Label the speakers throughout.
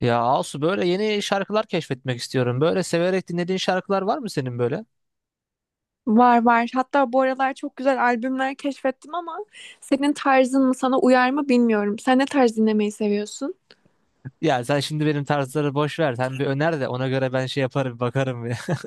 Speaker 1: Ya Asu, böyle yeni şarkılar keşfetmek istiyorum. Böyle severek dinlediğin şarkılar var mı senin böyle?
Speaker 2: Var var. Hatta bu aralar çok güzel albümler keşfettim ama senin tarzın mı sana uyar mı bilmiyorum. Sen ne tarz dinlemeyi seviyorsun?
Speaker 1: Ya sen şimdi benim tarzları boş ver. Sen bir öner de ona göre ben şey yaparım, bakarım ya.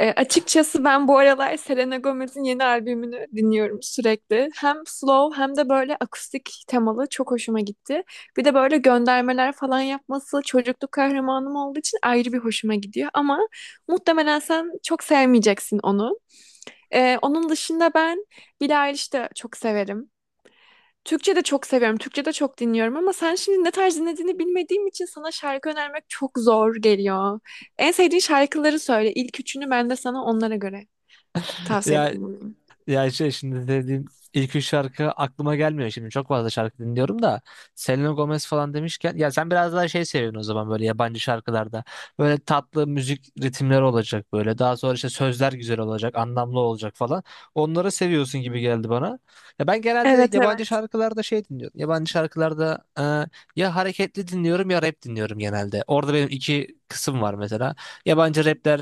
Speaker 2: Açıkçası ben bu aralar Selena Gomez'in yeni albümünü dinliyorum sürekli. Hem slow hem de böyle akustik temalı çok hoşuma gitti. Bir de böyle göndermeler falan yapması çocukluk kahramanım olduğu için ayrı bir hoşuma gidiyor. Ama muhtemelen sen çok sevmeyeceksin onu. Onun dışında ben Billie Eilish'i de çok severim. Türkçe de çok seviyorum. Türkçe de çok dinliyorum ama sen şimdi ne tarz dinlediğini bilmediğim için sana şarkı önermek çok zor geliyor. En sevdiğin şarkıları söyle. İlk üçünü ben de sana onlara göre tavsiyede
Speaker 1: Ya
Speaker 2: bulunayım.
Speaker 1: Ya şimdi dediğim ilk üç şarkı aklıma gelmiyor şimdi. Çok fazla şarkı dinliyorum da. Selena Gomez falan demişken, ya sen biraz daha şey seviyorsun o zaman, böyle yabancı şarkılarda. Böyle tatlı müzik ritimleri olacak böyle. Daha sonra işte sözler güzel olacak, anlamlı olacak falan. Onları seviyorsun gibi geldi bana. Ya ben genelde
Speaker 2: Evet
Speaker 1: yabancı
Speaker 2: evet.
Speaker 1: şarkılarda şey dinliyorum. Yabancı şarkılarda ya hareketli dinliyorum ya rap dinliyorum genelde. Orada benim iki kısım var mesela. Yabancı rapler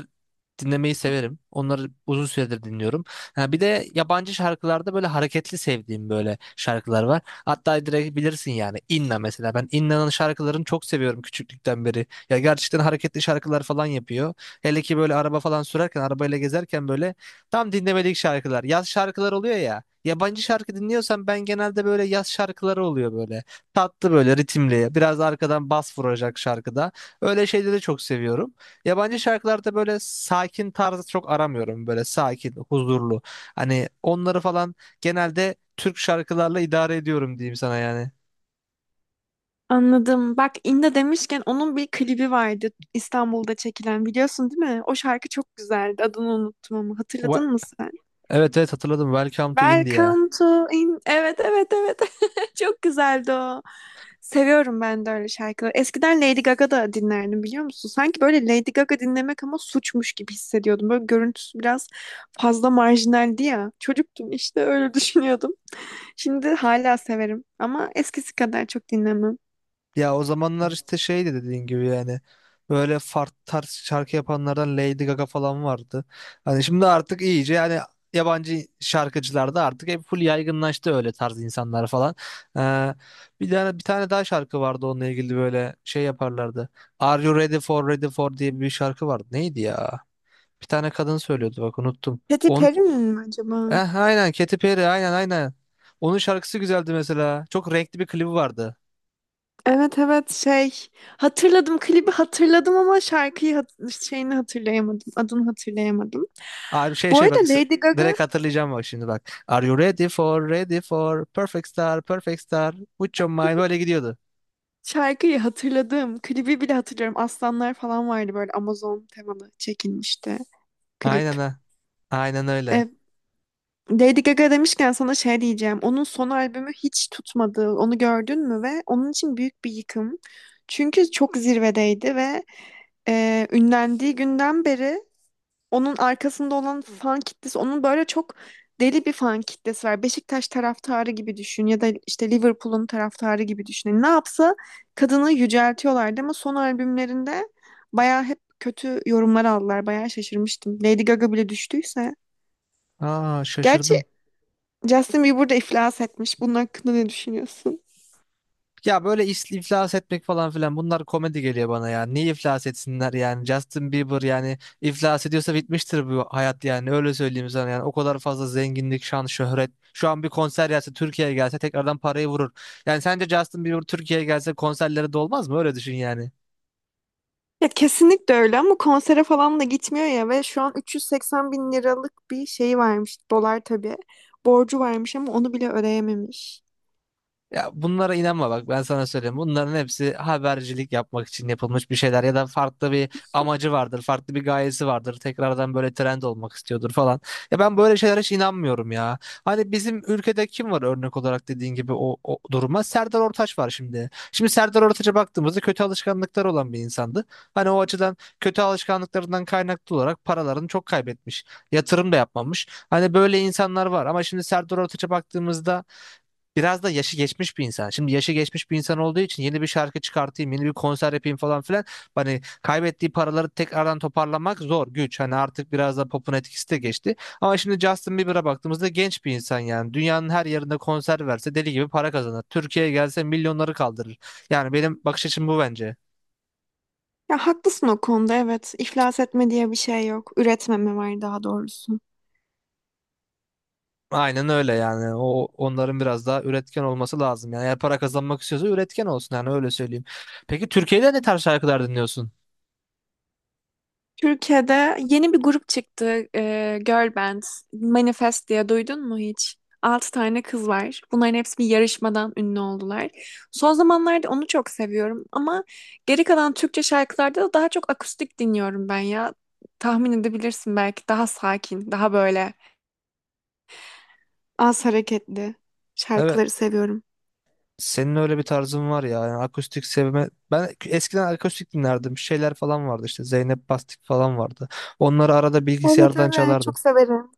Speaker 1: dinlemeyi severim. Onları uzun süredir dinliyorum. Ha, bir de yabancı şarkılarda böyle hareketli sevdiğim böyle şarkılar var. Hatta direkt bilirsin yani, Inna mesela. Ben Inna'nın şarkılarını çok seviyorum küçüklükten beri. Ya gerçekten hareketli şarkılar falan yapıyor. Hele ki böyle araba falan sürerken, arabayla gezerken böyle tam dinlemelik şarkılar. Yaz şarkılar oluyor ya. Yabancı şarkı dinliyorsam ben genelde böyle yaz şarkıları oluyor böyle. Tatlı böyle ritimli. Biraz arkadan bas vuracak şarkıda. Öyle şeyleri çok seviyorum. Yabancı şarkılarda böyle sakin tarzı çok aramıyorum. Böyle sakin, huzurlu. Hani onları falan genelde Türk şarkılarla idare ediyorum diyeyim sana yani.
Speaker 2: Anladım. Bak İnda demişken onun bir klibi vardı İstanbul'da çekilen biliyorsun değil mi? O şarkı çok güzeldi. Adını unuttum ama
Speaker 1: Wa-
Speaker 2: hatırladın mı sen?
Speaker 1: Evet, evet, hatırladım. Welcome to India.
Speaker 2: Welcome to in... Evet evet evet. Çok güzeldi o. Seviyorum ben de öyle şarkıları. Eskiden Lady Gaga da dinlerdim biliyor musun? Sanki böyle Lady Gaga dinlemek ama suçmuş gibi hissediyordum. Böyle görüntüsü biraz fazla marjinaldi ya. Çocuktum işte öyle düşünüyordum. Şimdi hala severim ama eskisi kadar çok dinlemem.
Speaker 1: Ya o zamanlar işte şeydi dediğin gibi yani. Böyle farklı tarz şarkı yapanlardan Lady Gaga falan vardı. Hani şimdi artık iyice yani, yabancı şarkıcılar da artık hep full yaygınlaştı, öyle tarz insanlar falan. Ee, bir tane daha şarkı vardı onunla ilgili, böyle şey yaparlardı. Are You Ready for Ready for diye bir şarkı vardı. Neydi ya? Bir tane kadın söylüyordu, bak unuttum.
Speaker 2: Katy Perry mi acaba?
Speaker 1: Aynen Katy Perry, aynen. Onun şarkısı güzeldi mesela. Çok renkli bir klibi vardı.
Speaker 2: Evet evet, şey, hatırladım, klibi hatırladım ama şarkıyı şeyini hatırlayamadım, adını hatırlayamadım.
Speaker 1: Aa, şey
Speaker 2: Bu
Speaker 1: şey
Speaker 2: arada
Speaker 1: bak s-
Speaker 2: Lady Gaga.
Speaker 1: Direkt hatırlayacağım bak, şimdi bak. Are you ready for ready for perfect star perfect star with your mind, böyle gidiyordu.
Speaker 2: Şarkıyı hatırladım. Klibi bile hatırlıyorum. Aslanlar falan vardı, böyle Amazon temalı çekilmişti
Speaker 1: Aynen
Speaker 2: klip.
Speaker 1: ha. Aynen öyle.
Speaker 2: E, Lady Gaga demişken sana şey diyeceğim. Onun son albümü hiç tutmadı. Onu gördün mü? Ve onun için büyük bir yıkım. Çünkü çok zirvedeydi ve ünlendiği günden beri onun arkasında olan fan kitlesi, onun böyle çok deli bir fan kitlesi var. Beşiktaş taraftarı gibi düşün ya da işte Liverpool'un taraftarı gibi düşün. Yani ne yapsa kadını yüceltiyorlardı ama son albümlerinde bayağı hep kötü yorumlar aldılar. Bayağı şaşırmıştım. Lady Gaga bile düştüyse.
Speaker 1: Aa,
Speaker 2: Gerçi
Speaker 1: şaşırdım.
Speaker 2: Justin Bieber de iflas etmiş. Bunun hakkında ne düşünüyorsun?
Speaker 1: İflas etmek falan filan, bunlar komedi geliyor bana ya. Niye iflas etsinler yani? Justin Bieber yani iflas ediyorsa bitmiştir bu hayat yani. Öyle söyleyeyim sana yani. O kadar fazla zenginlik, şan, şöhret. Şu an bir konser gelse, Türkiye'ye gelse tekrardan parayı vurur. Yani sence Justin Bieber Türkiye'ye gelse konserleri dolmaz mı? Öyle düşün yani.
Speaker 2: Ya kesinlikle öyle ama konsere falan da gitmiyor ya ve şu an 380 bin liralık bir şeyi varmış. Dolar tabii. Borcu varmış ama onu bile ödeyememiş.
Speaker 1: Ya bunlara inanma, bak ben sana söyleyeyim. Bunların hepsi habercilik yapmak için yapılmış bir şeyler ya da farklı bir amacı vardır, farklı bir gayesi vardır. Tekrardan böyle trend olmak istiyordur falan. Ya ben böyle şeylere hiç inanmıyorum ya. Hani bizim ülkede kim var örnek olarak dediğin gibi o duruma? Serdar Ortaç var şimdi. Şimdi Serdar Ortaç'a baktığımızda kötü alışkanlıklar olan bir insandı. Hani o açıdan kötü alışkanlıklarından kaynaklı olarak paralarını çok kaybetmiş. Yatırım da yapmamış. Hani böyle insanlar var, ama şimdi Serdar Ortaç'a baktığımızda biraz da yaşı geçmiş bir insan. Şimdi yaşı geçmiş bir insan olduğu için yeni bir şarkı çıkartayım, yeni bir konser yapayım falan filan. Hani kaybettiği paraları tekrardan toparlamak zor, güç. Hani artık biraz da popun etkisi de geçti. Ama şimdi Justin Bieber'a baktığımızda genç bir insan yani. Dünyanın her yerinde konser verse deli gibi para kazanır. Türkiye'ye gelse milyonları kaldırır. Yani benim bakış açım bu, bence.
Speaker 2: Ya haklısın o konuda, evet. İflas etme diye bir şey yok. Üretmeme var daha doğrusu.
Speaker 1: Aynen öyle yani. O, onların biraz daha üretken olması lazım. Yani eğer para kazanmak istiyorsa üretken olsun, yani öyle söyleyeyim. Peki Türkiye'de ne tarz şarkılar dinliyorsun?
Speaker 2: Türkiye'de yeni bir grup çıktı. Girl Band. Manifest diye duydun mu hiç? Altı tane kız var. Bunların hepsi bir yarışmadan ünlü oldular. Son zamanlarda onu çok seviyorum ama geri kalan Türkçe şarkılarda da daha çok akustik dinliyorum ben ya. Tahmin edebilirsin, belki daha sakin, daha böyle az hareketli
Speaker 1: Evet.
Speaker 2: şarkıları seviyorum.
Speaker 1: Senin öyle bir tarzın var ya. Yani akustik sevme. Ben eskiden akustik dinlerdim. Şeyler falan vardı işte. Zeynep Bastık falan vardı. Onları arada
Speaker 2: Evet
Speaker 1: bilgisayardan
Speaker 2: evet,
Speaker 1: çalardım.
Speaker 2: çok severim.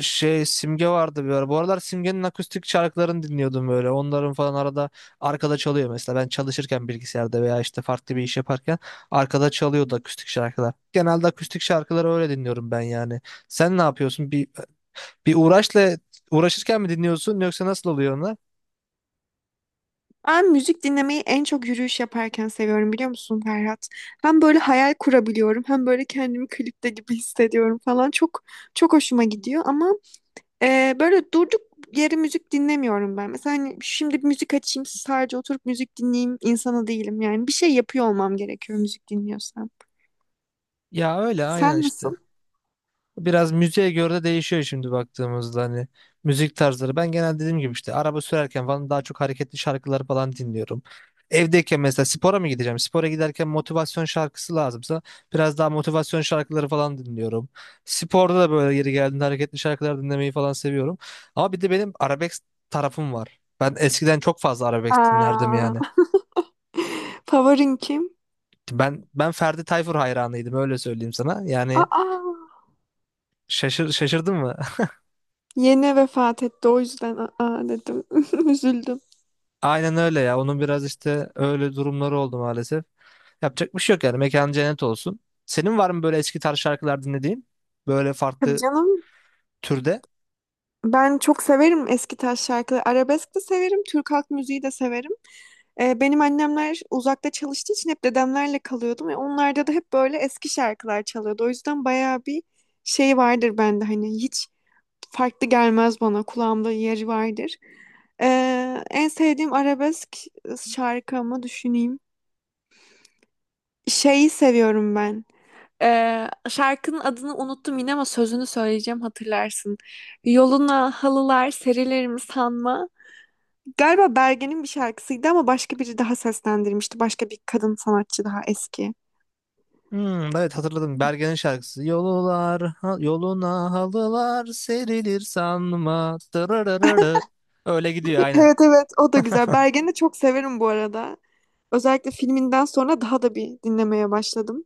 Speaker 1: Şey, Simge vardı bir ara. Bu aralar Simge'nin akustik şarkılarını dinliyordum böyle. Onların falan arada arkada çalıyor mesela. Ben çalışırken bilgisayarda veya işte farklı bir iş yaparken arkada çalıyordu akustik şarkılar. Genelde akustik şarkıları öyle dinliyorum ben yani. Sen ne yapıyorsun? Bir uğraşla uğraşırken mi dinliyorsun yoksa nasıl oluyor onlar?
Speaker 2: Ben müzik dinlemeyi en çok yürüyüş yaparken seviyorum biliyor musun Ferhat? Hem böyle hayal kurabiliyorum hem böyle kendimi klipte gibi hissediyorum falan. Çok çok hoşuma gidiyor ama böyle durduk yere müzik dinlemiyorum ben. Mesela hani şimdi bir müzik açayım sadece oturup müzik dinleyeyim insanı değilim yani. Bir şey yapıyor olmam gerekiyor müzik dinliyorsam.
Speaker 1: Ya öyle aynen
Speaker 2: Sen
Speaker 1: işte.
Speaker 2: nasıl?
Speaker 1: Biraz müziğe göre de değişiyor şimdi baktığımızda, hani müzik tarzları. Ben genel dediğim gibi işte araba sürerken falan daha çok hareketli şarkıları falan dinliyorum. Evdeyken mesela spora mı gideceğim? Spora giderken motivasyon şarkısı lazımsa biraz daha motivasyon şarkıları falan dinliyorum. Sporda da böyle yeri geldiğinde hareketli şarkılar dinlemeyi falan seviyorum. Ama bir de benim arabesk tarafım var. Ben eskiden çok fazla arabesk dinlerdim
Speaker 2: Aa,
Speaker 1: yani.
Speaker 2: favorin kim?
Speaker 1: Ben Ferdi Tayfur hayranıydım, öyle söyleyeyim sana. Yani
Speaker 2: Aa,
Speaker 1: şaşırdın mı?
Speaker 2: yeni vefat etti o yüzden aa dedim. Üzüldüm.
Speaker 1: Aynen öyle ya. Onun biraz işte öyle durumları oldu maalesef. Yapacak bir şey yok yani. Mekan cennet olsun. Senin var mı böyle eski tarz şarkılar dinlediğin? Böyle
Speaker 2: Tabii
Speaker 1: farklı
Speaker 2: canım.
Speaker 1: türde?
Speaker 2: Ben çok severim eski taş şarkıları. Arabesk de severim, Türk halk müziği de severim. Benim annemler uzakta çalıştığı için hep dedemlerle kalıyordum ve onlarda da hep böyle eski şarkılar çalıyordu. O yüzden bayağı bir şey vardır bende, hani hiç farklı gelmez bana, kulağımda yeri vardır. En sevdiğim arabesk şarkımı düşüneyim. Şeyi seviyorum ben. Şarkının adını unuttum yine ama sözünü söyleyeceğim, hatırlarsın. Yoluna halılar serilerim sanma. Galiba Bergen'in bir şarkısıydı ama başka biri daha seslendirmişti. Başka bir kadın sanatçı, daha eski.
Speaker 1: Hmm, evet hatırladım. Bergen'in şarkısı. Yoluna halılar serilir sanma. Dırırırırı. Öyle gidiyor aynen.
Speaker 2: Evet evet, o da güzel. Bergen'i de çok severim bu arada. Özellikle filminden sonra daha da bir dinlemeye başladım.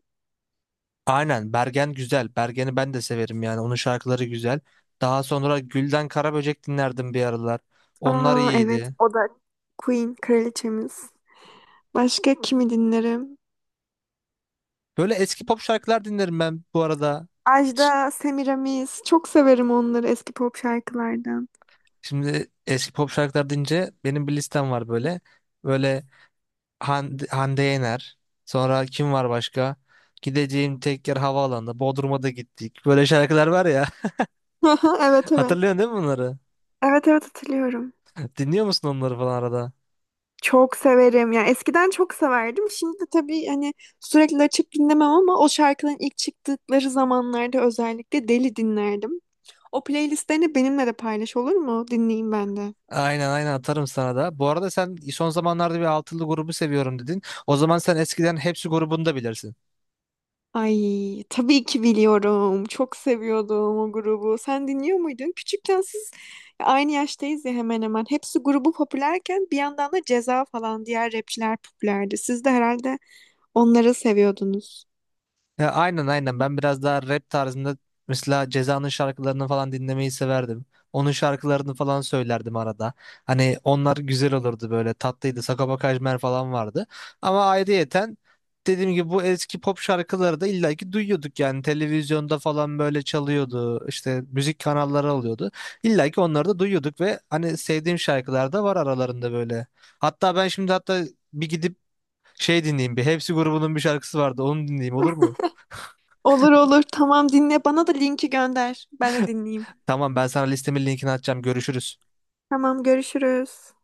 Speaker 1: Aynen, Bergen güzel. Bergen'i ben de severim yani. Onun şarkıları güzel. Daha sonra Gülden Karaböcek dinlerdim bir aralar. Onlar
Speaker 2: Aa evet,
Speaker 1: iyiydi.
Speaker 2: o da Queen, kraliçemiz. Başka kimi dinlerim?
Speaker 1: Böyle eski pop şarkılar dinlerim ben bu arada.
Speaker 2: Ajda, Semiramis. Çok severim onları, eski pop şarkılardan.
Speaker 1: Şimdi eski pop şarkılar deyince benim bir listem var böyle. Böyle Hande, Hande Yener. Sonra kim var başka? Gideceğim tek yer havaalanı. Bodrum'a da gittik. Böyle şarkılar var ya.
Speaker 2: Evet evet.
Speaker 1: Hatırlıyorsun değil mi bunları?
Speaker 2: Evet evet, hatırlıyorum.
Speaker 1: Dinliyor musun onları falan arada?
Speaker 2: Çok severim. Yani eskiden çok severdim. Şimdi tabii hani sürekli açıp dinlemem ama o şarkıların ilk çıktıkları zamanlarda özellikle deli dinlerdim. O playlistlerini benimle de paylaş olur mu? Dinleyeyim ben de.
Speaker 1: Aynen, aynen atarım sana da. Bu arada sen son zamanlarda bir altılı grubu seviyorum dedin. O zaman sen eskiden Hepsi grubunu da bilirsin.
Speaker 2: Ay, tabii ki biliyorum. Çok seviyordum o grubu. Sen dinliyor muydun? Küçükken siz, aynı yaştayız ya hemen hemen. Hepsi grubu popülerken bir yandan da Ceza falan diğer rapçiler popülerdi. Siz de herhalde onları seviyordunuz.
Speaker 1: Ya aynen, aynen, ben biraz daha rap tarzında, mesela Ceza'nın şarkılarını falan dinlemeyi severdim. Onun şarkılarını falan söylerdim arada. Hani onlar güzel olurdu, böyle tatlıydı. Sagopa Kajmer falan vardı. Ama ayrıyeten dediğim gibi bu eski pop şarkıları da illaki duyuyorduk yani, televizyonda falan böyle çalıyordu. İşte müzik kanalları oluyordu. İllaki onları da duyuyorduk ve hani sevdiğim şarkılar da var aralarında böyle. Hatta ben şimdi hatta Bir gidip şey dinleyeyim, bir Hepsi grubunun bir şarkısı vardı, onu dinleyeyim, olur mu?
Speaker 2: Olur olur. Tamam dinle. Bana da linki gönder. Ben de dinleyeyim.
Speaker 1: Tamam, ben sana listemin linkini atacağım. Görüşürüz.
Speaker 2: Tamam görüşürüz.